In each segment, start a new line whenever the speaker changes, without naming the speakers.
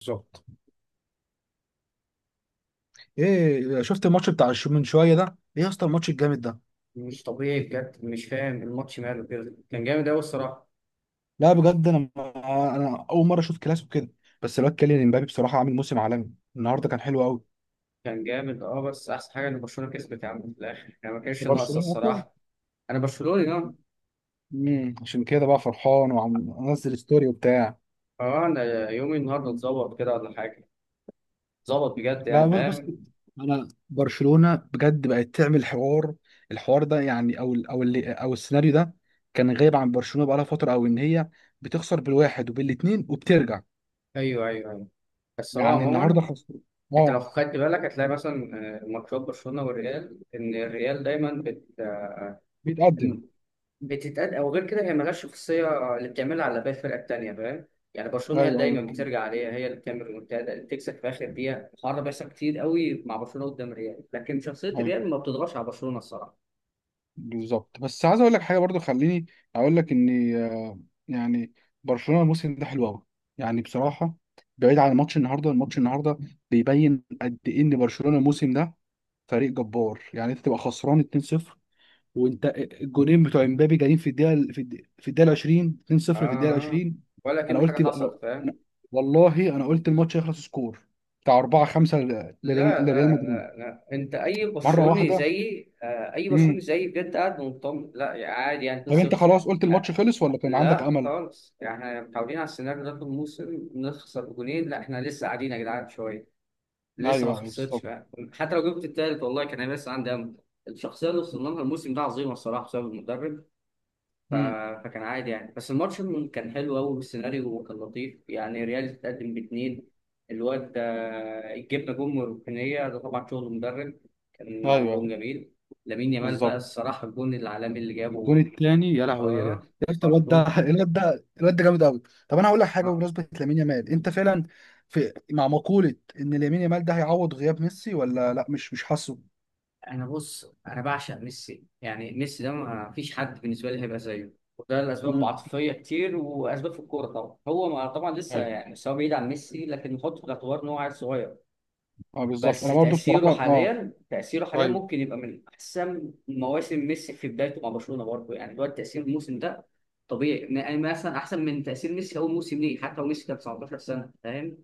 بالظبط، ايه شفت الماتش بتاع من شويه ده، ايه يا اسطى الماتش الجامد ده.
مش طبيعي بجد، مش فاهم الماتش ماله كده. كان جامد أوي الصراحة.
لا بجد، انا اول مره اشوف كلاسيكو كده. بس الواد كيليان امبابي بصراحه عامل موسم عالمي، النهارده كان حلو قوي.
كان جامد بس أحسن حاجة إن برشلونة كسبت يا عم في الآخر، يعني ما كانش ناقصة
برشلونة أصلا.
الصراحة. أنا برشلوني أه.
عشان كده بقى فرحان وعم انزل ستوري وبتاع.
أه، أنا يومي النهاردة
مم.
اتظبط كده ولا حاجة. اتظبط بجد،
لا،
يعني
بص
فاهم.
بص انا برشلونة بجد بقت تعمل حوار. الحوار ده يعني، او ال- او اللي او السيناريو ده كان غايب عن برشلونة بقالها فترة، او ان هي بتخسر بالواحد وبالاتنين وبترجع.
أيوه أيوه أيوه، بس هو
يعني النهارده
عموما
خسر.
أنت
اه.
لو خدت بالك هتلاقي مثلا ماتشات برشلونة والريال، إن الريال دايما بت آه،
بيتقدم.
بتتقد. او غير كده هي ملهاش شخصيه اللي بتعملها على باقي الفرقه التانيه فاهم. يعني برشلونه هي اللي
ايوه ايوه
دايما
فهمت.
بترجع عليها، هي اللي بتعمل المنتدى، اللي بتكسب في اخر دقيقه. الحوار ده بيحصل كتير قوي مع برشلونه قدام الريال، لكن شخصيه
ايوه
الريال ما بتضغطش على برشلونه الصراحه.
بالظبط، بس عايز اقول لك حاجه برضو. خليني اقول لك ان يعني برشلونه الموسم ده حلو قوي يعني بصراحه. بعيد عن ماتش النهارده، الماتش النهارده بيبين قد ايه ان برشلونه الموسم ده فريق جبار. يعني انت تبقى خسران 2-0 وانت، الجونين بتوع امبابي جايين في الدقيقه في الدقيقه 20،
اه
2-0 في الدقيقه
آه.
20.
ولا
انا
كأن حاجه
قلت بقى.
حصلت فاهم.
أنا- والله انا قلت الماتش هيخلص سكور بتاع 4 5 لريال
لا
لريال
لا
مدريد.
لا لا، انت اي
مره
برشلوني
واحده.
زيي، آه اي برشلوني زيي بجد قاعد مطمن، لا يعني عادي يعني
طب انت
2-0.
خلاص قلت الماتش
آه،
خلص ولا كان عندك
لا
امل؟
خالص، يعني احنا متعودين على السيناريو ده في الموسم، نخسر جونين. لا احنا لسه قاعدين يا جدعان شويه، لسه ما
ايوه ايوه
خلصتش
بالظبط.
بقى. حتى لو جبت التالت والله كان هيبقى لسه عندي امل. الشخصيه اللي وصلنا لها الموسم ده عظيمه الصراحه بسبب المدرب. ف...
امم
فكان عادي يعني، بس الماتش كان حلو قوي والسيناريو، وكان لطيف يعني ريال تتقدم باثنين. الواد ده جبنا جون من الركنيه، ده طبعا شغل مدرب، كان
ايوه
جون
ايوه
جميل. لامين يامال بقى
بالظبط.
الصراحه، الجون العالمي اللي
الجون
جابه.
الثاني يا لهوي يا جدع
اه،
يا اسطى. الواد ده،
برضه.
الواد ده جامد قوي. طب انا هقول لك حاجه بمناسبه لامين يامال. انت فعلا في مع مقوله ان لامين يامال ده هيعوض غياب ميسي ولا لا؟ مش حاسه.
انا بص، انا بعشق ميسي، يعني ميسي ده ما فيش حد بالنسبه لي هيبقى زيه، وده لاسباب
امم
عاطفيه كتير واسباب في الكوره طبعا. هو ما، طبعا لسه
ايوه.
يعني، بس هو بعيد عن ميسي، لكن نحطه في الاعتبار ان هو عيل صغير.
اه بالظبط،
بس
انا برضو
تاثيره
بصراحه اه.
حاليا تاثيره حاليا
ايوه
ممكن يبقى من احسن مواسم ميسي في بدايته مع برشلونه برضه. يعني دلوقتي تاثير الموسم ده طبيعي، يعني مثلا احسن من تاثير ميسي اول موسم ليه، حتى لو ميسي كان 19 سنه فاهم.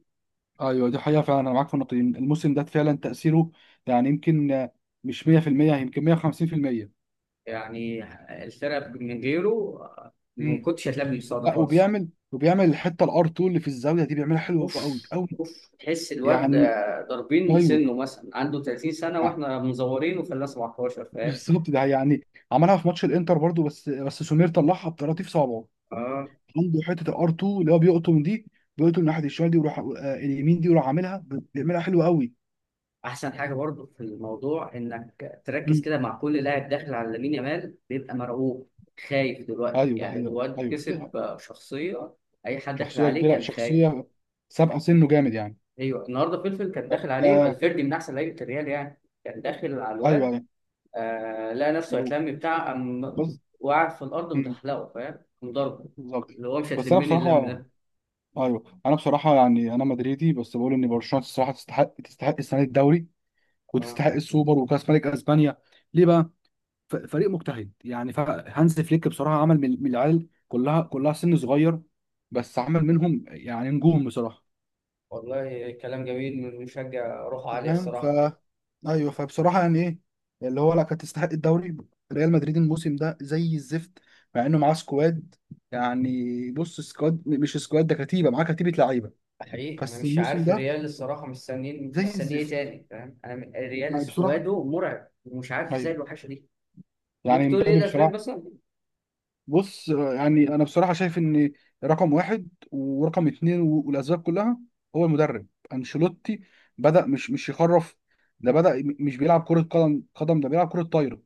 ايوه دي حقيقه فعلا، انا معاك في النقطه دي. الموسم ده فعلا تاثيره يعني يمكن، مش 100%، يمكن 150%.
يعني الفرق من غيره ما
امم
كنتش هتلاقي بالمستوى ده
لا،
خالص.
وبيعمل الحته الار 2 اللي في الزاويه دي بيعملها حلوه
اوف،
قوي قوي.
اوف، تحس الواد ده
يعني
ضاربين
ايوه
سنه مثلا عنده 30 سنه،
يعني
واحنا مزورين وخلاه 17 فاهم.
بالظبط ده يعني عملها في ماتش الانتر برضو. بس سمير طلعها بطراطيف صعبه.
اه،
عنده حته الار 2 اللي هو بيقطم دي، بيقطم ناحيه الشمال دي ويروح اليمين دي ويروح بيعملها حلوه قوي.
احسن حاجه برضو في الموضوع انك تركز
مم.
كده، مع كل لاعب داخل على لامين يامال بيبقى مرعوب، خايف دلوقتي.
ايوه ده
يعني
حقيقة
الواد
ايوه
كسب شخصيه، اي حد داخل
شخصيه
عليه
كبيره،
كان خايف.
شخصيه سابقه سنه، جامد يعني.
ايوه، النهارده فلفل كان
طب،
داخل عليه، فالفيردي من احسن لعيبه الريال يعني، كان داخل على
ايوه
الواد.
ايوه.
آه لقى نفسه هيتلم بتاع، قام
بس.
وقعد في الأرض
مم،
متحلقه فاهم، قام ضربه
بالظبط،
اللي هو مش
بس انا
هتلمني اللم
بصراحه
ده.
ايوه. انا بصراحه يعني انا مدريدي، بس بقول ان برشلونه الصراحه تستحق السنه دي الدوري،
آه.
وتستحق السوبر وكاس ملك اسبانيا. ليه بقى؟ فريق مجتهد يعني. هانز فليك بصراحه عمل من العيال كلها، كلها سن صغير. بس عمل منهم يعني نجوم بصراحه.
والله كلام جميل من مشجع روحه
أنت
عالية
فاهم.
الصراحة.
ايوه، فبصراحه يعني ايه اللي هو. لا كانت تستحق الدوري. ريال مدريد الموسم ده زي الزفت، مع انه معاه سكواد. يعني بص، سكواد مش سكواد، ده كتيبه، معاه كتيبه لعيبه.
حقيقي أنا
بس
مش
الموسم
عارف
ده
الريال الصراحة، مستنيين
زي
مستني إيه
الزفت
تاني فاهم. أنا الريال
يعني بصراحة.
سكواده مرعب ومش عارف
أيوة،
إزاي الوحشة دي. ممكن
يعني
تقول إيه
مبابي
الأسباب
بصراحة.
مثلا؟
بص، يعني أنا بصراحة شايف إن رقم واحد ورقم اتنين والأسباب كلها هو المدرب أنشيلوتي. بدأ، مش يخرف. ده بدأ مش بيلعب كرة قدم، ده بيلعب كرة طايرة.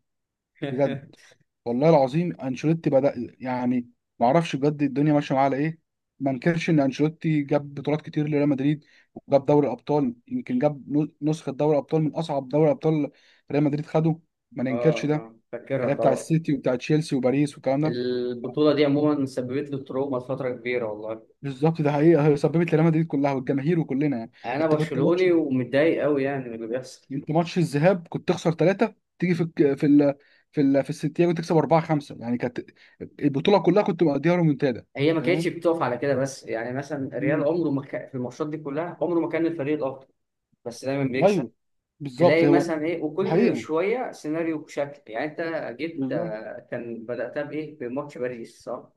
بجد، والله العظيم أنشيلوتي بدأ يعني معرفش بجد، الدنيا ماشية معاه على إيه. ما انكرش إن أنشيلوتي جاب بطولات كتير لريال مدريد، وجاب دوري الأبطال. يمكن جاب نسخة دوري الأبطال من أصعب دوري أبطال. ريال مدريد خده. ما
آه
ننكرش ده.
آه،
اللي
فاكرها
هي بتاع
طبعا.
السيتي وبتاع تشيلسي وباريس والكلام ده.
البطولة دي عموما سببت لي تروما فترة كبيرة والله.
بالظبط ده حقيقه، هي سببت لريال مدريد كلها والجماهير وكلنا يعني.
أنا
انت كنت ماتش
برشلوني ومتضايق أوي يعني من اللي بيحصل.
انت ماتش الذهاب كنت تخسر ثلاثه. تيجي في الك- في ال... في ال... في السنتياجو تكسب اربعه خمسه، يعني كانت البطوله كلها كنت مقضيها رومنتادا.
هي ما كانتش
تمام.
بتقف على كده بس، يعني مثلا الريال
مم.
عمره ما في الماتشات دي كلها عمره ما كان الفريق الاكتر، بس دايما بيكسب.
ايوه بالظبط
تلاقي
هو.
مثلا ايه، وكل
الحقيقه.
شويه سيناريو بشكل يعني. انت جبت
بالظبط
كان بداتها بايه، بماتش باريس صح.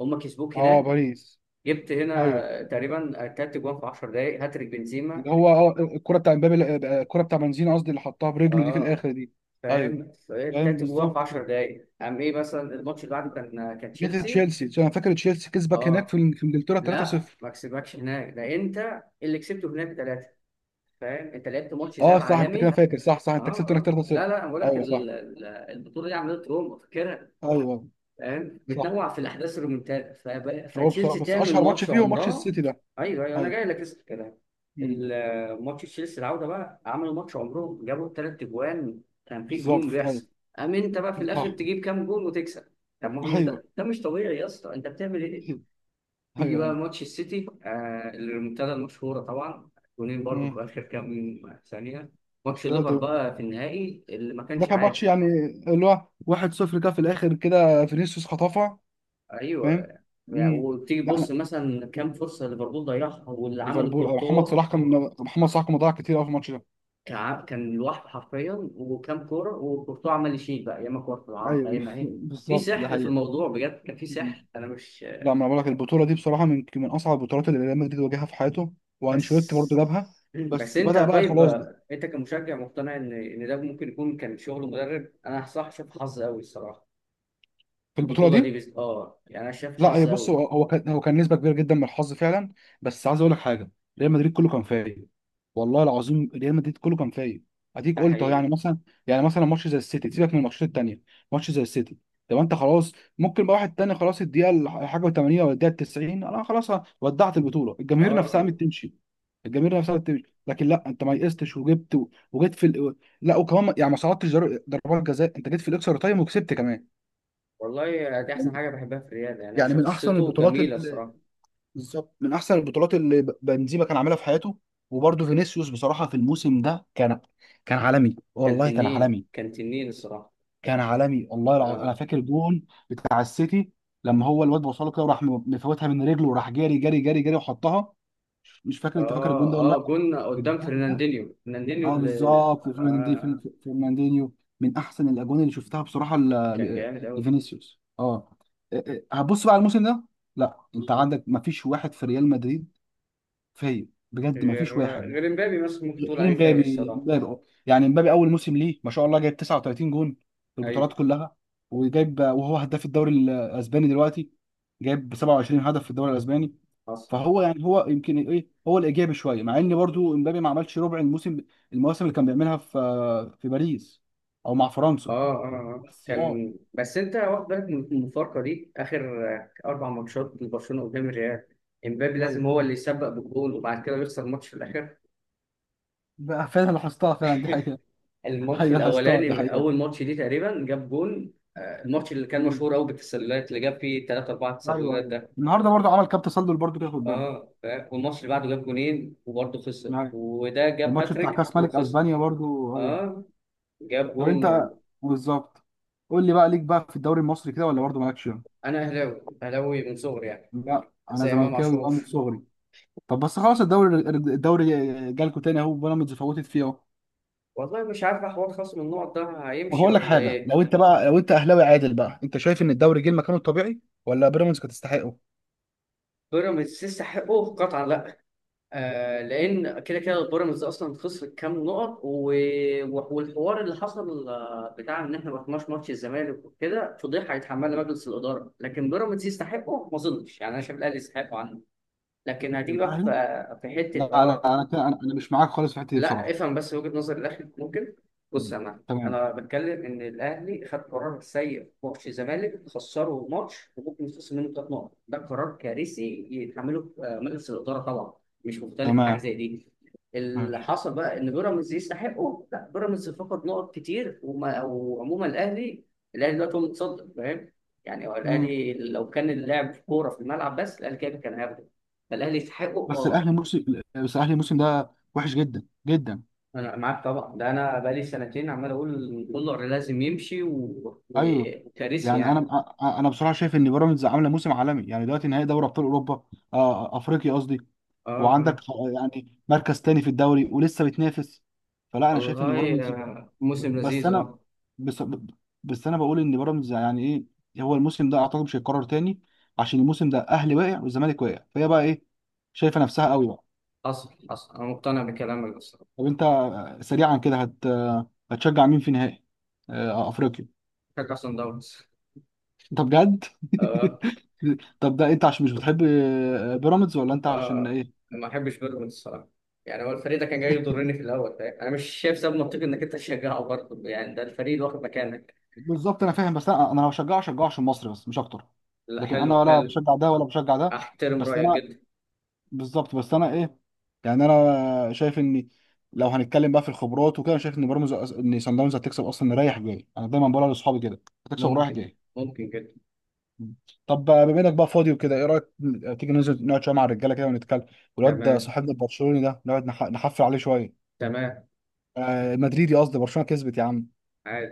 هم كسبوك
اه
هناك.
باريس.
جبت
ايوه
هنا تقريبا تلات جوان في 10 دقايق، هاتريك بنزيما.
اللي هو اه الكره بتاع امبابي، الكره بتاع بنزيما قصدي، اللي حطها برجله دي في
اه
الاخر دي. ايوه
فاهم.
فاهم
تلات جوان في
بالظبط.
10 دقايق، قام ايه مثلا الماتش اللي بعده، كان
جت
تشيلسي.
تشيلسي، عشان انا فاكر تشيلسي كسبك هناك
اه،
في انجلترا
لا
3-0.
ما كسبكش هناك، ده انت اللي كسبته هناك. فاهم انت لعبت ماتش
اه
ذهاب
صح، انت كده
عالمي.
فاكر. صح صح،
اه
انت كسبت هناك
اه،
3-0.
لا لا، انا بقول لك
ايوه صح
البطوله دي عملت روما فاكرها.
ايوه
فاهم
صح.
بتنوع في الاحداث الرومنتادا.
هو بصراحه،
فتشيلسي
بس
تعمل
اشهر ماتش
ماتش
فيه هو ماتش
عمرها.
السيتي ده.
ايوه ايوه، انا
ايوه.
جاي لك لسه في الكلام.
امم
ماتش تشيلسي العوده بقى عملوا ماتش عمرهم، جابوا ثلاث اجوان، كان في
بالظبط
جنون
ايوه
بيحصل. قام انت بقى في الاخر
صح
تجيب كام جون وتكسب. طب ما هو مش
ايوه
ده مش طبيعي يا اسطى، انت بتعمل ايه.
ايوه
تيجي بقى
ايوه.
ماتش السيتي، آه الريمونتادا المشهورة طبعا، جونين برضه
امم
في آخر كام ثانية. ماتش
ده ده
الليفر بقى في النهائي اللي ما
ده
كانش
كان ماتش
عادي.
يعني اللي هو 1-0 كده، في الاخر كده فينيسيوس خطفها،
أيوه.
فاهم.
يعني
امم
وتيجي
لا
تبص
لا،
مثلا كام فرصة ليفربول ضيعها واللي عمله
ليفربول. اه محمد
كورتوا.
صلاح كان محمد صلاح كان مضيع كتير قوي في الماتش ده.
كان لوحده حرفيا، وكام كورة وكورتوا عمل يشيل بقى، ياما كورة في العارضة
ايوه.
ياما ايه. في
بالظبط ده
سحر في الموضوع بجد، كان في
حقيقة.
سحر أنا مش
لا، ما انا بقول لك، البطوله دي بصراحه من اصعب البطولات اللي ريال مدريد واجهها في حياته. وانشيلوتي
بس.
برضه جابها.
مم. بس
بس
انت
بدأ بقى
طيب،
خلاص بقى
انت كمشجع مقتنع ان ده ممكن يكون كان شغل مدرب، انا صح شايف حظ قوي الصراحه.
في البطوله
البطوله دي
دي.
بس اه، يعني انا شايف
لا هي
حظ
بص.
قوي.
هو كان نسبه كبيره جدا من الحظ فعلا. بس عايز اقول لك حاجه. ريال مدريد كله كان فايق، والله العظيم ريال مدريد كله كان فايق. اديك
ده
قلت اهو يعني
حقيقي.
مثلا. ماتش زي السيتي سيبك من الماتشات التانيه. ماتش زي السيتي، طب انت خلاص. ممكن بقى واحد تاني خلاص، الدقيقه الحاجه 80 ولا الدقيقه 90، انا خلاص ودعت البطوله.
اه اه،
الجماهير نفسها قامت تمشي. لكن لا، انت ما يئستش وجبت وجيت لا وكمان يعني ما صعدتش ضربات جزاء، انت جيت في الاكسترا تايم وكسبت كمان.
والله دي احسن حاجه بحبها في الرياضه، يعني انا
يعني من احسن
شخصيته
البطولات.
جميله الصراحه.
بالظبط من احسن البطولات اللي بنزيما كان عاملها في حياته. وبرده فينيسيوس بصراحه في الموسم ده كان عالمي،
كان
والله كان
تنين
عالمي.
كان تنين الصراحه.
كان عالمي والله العظيم.
اه
انا فاكر جون بتاع السيتي، لما هو الواد وصله كده وراح مفوتها من رجله وراح جاري جاري جاري جاري وحطها. مش فاكر، انت فاكر
اه
الجون ده ولا
اه،
لا؟
جون قدام
الجون ده،
فرناندينيو، فرناندينيو
اه
اللي
بالظبط.
آه
فرناندينيو من احسن الاجوان اللي شفتها بصراحه
كان جامد قوي.
لفينيسيوس، اه. إيه- إيه، هتبص بقى على الموسم ده. لا انت عندك مفيش واحد في ريال مدريد فيا، بجد ما
غير،
فيش واحد.
غير امبابي مثلا ممكن تقول
غير
عليه فايق
مبابي.
الصراحه.
مبابي أه. يعني مبابي اول موسم ليه ما شاء الله جايب 39 جون في
ايوه،
البطولات كلها. وهو هداف الدوري الاسباني دلوقتي، جايب 27 هدف في الدوري الاسباني.
حصل.
فهو يعني هو يمكن ايه، هو الايجابي شويه، مع ان برضو مبابي ما عملش ربع الموسم، المواسم اللي كان بيعملها في باريس او مع فرنسا.
اه اه. آه.
بس اه
كان بس انت واخد بالك من المفارقه دي، اخر اربع ماتشات لبرشلونه قدام الريال، امبابي
ايوه،
لازم هو اللي يسبق بالجول وبعد كده بيخسر ماتش في الاخر.
بقى فعلا لاحظتها فعلا دي حقيقه.
الماتش
ايوه لاحظتها دي
الاولاني،
حقيقه.
اول ماتش دي تقريبا جاب جول، الماتش اللي كان
مم.
مشهور قوي بالتسللات اللي جاب فيه 3 4
ايوه
تسللات
ايوه
ده.
النهارده برضو عمل كام تسلل برضو كده، خد
اه فاهم؟ والماتش اللي بعده جاب جولين وبرضه خسر،
بالك.
وده جاب
والماتش بتاع
هاتريك
كاس ملك
وخسر.
اسبانيا برضو ايوه.
اه، جاب
طب
جون
انت،
و...
بالظبط، قول لي بقى ليك بقى في الدوري المصري كده ولا برضو مالكش؟
انا اهلاوي اهلاوي من صغري يعني،
لا انا
زي امام
زملكاوي بقى
عاشور.
من صغري. طب بس خلاص، الدوري، جالكوا تاني اهو، بيراميدز فوتت فيه اهو.
والله مش عارف حوار خصم النقط ده
طب
هيمشي
هقول لك
ولا
حاجه،
ايه.
لو انت اهلاوي عادل بقى، انت شايف ان الدوري جه مكانه الطبيعي ولا بيراميدز كانت تستحقه؟
بيراميدز يستحقه؟ قطعا لا. آه، لان كده كده بيراميدز اصلا خسر كام نقط. والحوار اللي حصل بتاع ان احنا ما رحناش ماتش الزمالك وكده، فضيحه هيتحملها
مم.
مجلس الاداره. لكن بيراميدز يستحقه ما اظنش، يعني انا شايف الاهلي يستحقه عنه. لكن هتيجي بقى
الاهلي،
في
لا
حته اه.
لا، انا كده- انا أنا مش معاك خالص في الحته دي
لا
بصراحه.
افهم بس وجهة نظر الاهلي ممكن. بص يا
مم.
معلم،
تمام
انا بتكلم ان الاهلي خد قرار سيء في ماتش الزمالك، خسره ماتش وممكن يتخصم منه 3 نقط، ده قرار كارثي يتحمله مجلس الاداره طبعا. مش مختلف في حاجه
تمام
زي دي. اللي
ماشي.
حصل بقى ان بيراميدز يستحقه لا، بيراميدز فقد نقط كتير وما، وعموما الاهلي، الاهلي دلوقتي هو المتصدر فاهم. يعني هو
مم.
الاهلي لو كان اللعب كوره في الملعب بس الاهلي كده كان هياخده. فالاهلي يستحقه
بس
اه.
الاهلي موسم بس الاهلي الموسم ده وحش جدا جدا.
انا معاك طبعا، ده انا بقالي سنتين عمال اقول إن الدولار لازم يمشي،
ايوه
وكارثي
يعني انا،
يعني.
انا بصراحه شايف ان بيراميدز عامله موسم عالمي، يعني دلوقتي نهائي دوري ابطال اوروبا، افريقيا قصدي.
اه
وعندك
اه،
يعني مركز تاني في الدوري ولسه بتنافس. فلا انا شايف ان
والله
بيراميدز،
موسم
بس
لذيذ
انا
اه.
بس, بس انا بقول ان بيراميدز يعني ايه هو، الموسم ده اعتقد مش هيتكرر تاني. عشان الموسم ده اهلي واقع والزمالك واقع، فهي بقى ايه، شايفه نفسها قوي بقى.
حصل حصل، انا مقتنع بكلامك بس.
طب انت، سريعا كده، هت آه، هتشجع مين في نهائي، افريقيا؟
بشجع صن داونز.
انت بجد؟
اه
طب ده انت عشان مش بتحب بيراميدز ولا انت عشان
اه،
ايه؟
ما بحبش بيراميدز الصراحه. يعني هو الفريق ده كان جاي يضرني في الاول فاهم، انا مش شايف سبب منطقي انك انت تشجعه برضه، يعني ده الفريق اللي واخد مكانك.
بالظبط انا فاهم، بس انا لو هشجعه هشجعه عشان مصر بس، مش اكتر.
لا،
لكن انا
حلو
ولا
حلو.
بشجع ده ولا بشجع ده.
احترم
بس
رايك
انا
جدا.
بالظبط، بس انا ايه يعني انا شايف ان، لو هنتكلم بقى في الخبرات وكده، انا شايف ان بيراميدز ان صن داونز هتكسب اصلا رايح جاي. انا دايما بقولها لاصحابي كده هتكسب رايح
ممكن،
جاي.
ممكن جدا.
طب بما انك بقى فاضي وكده، ايه رايك تيجي ننزل نقعد شويه مع الرجاله كده ونتكلم، والواد ده
تمام
صاحبنا البرشلوني ده، نقعد نحفل عليه شويه.
تمام.
آه مدريدي قصدي، برشلونه كسبت يا عم.
عادي.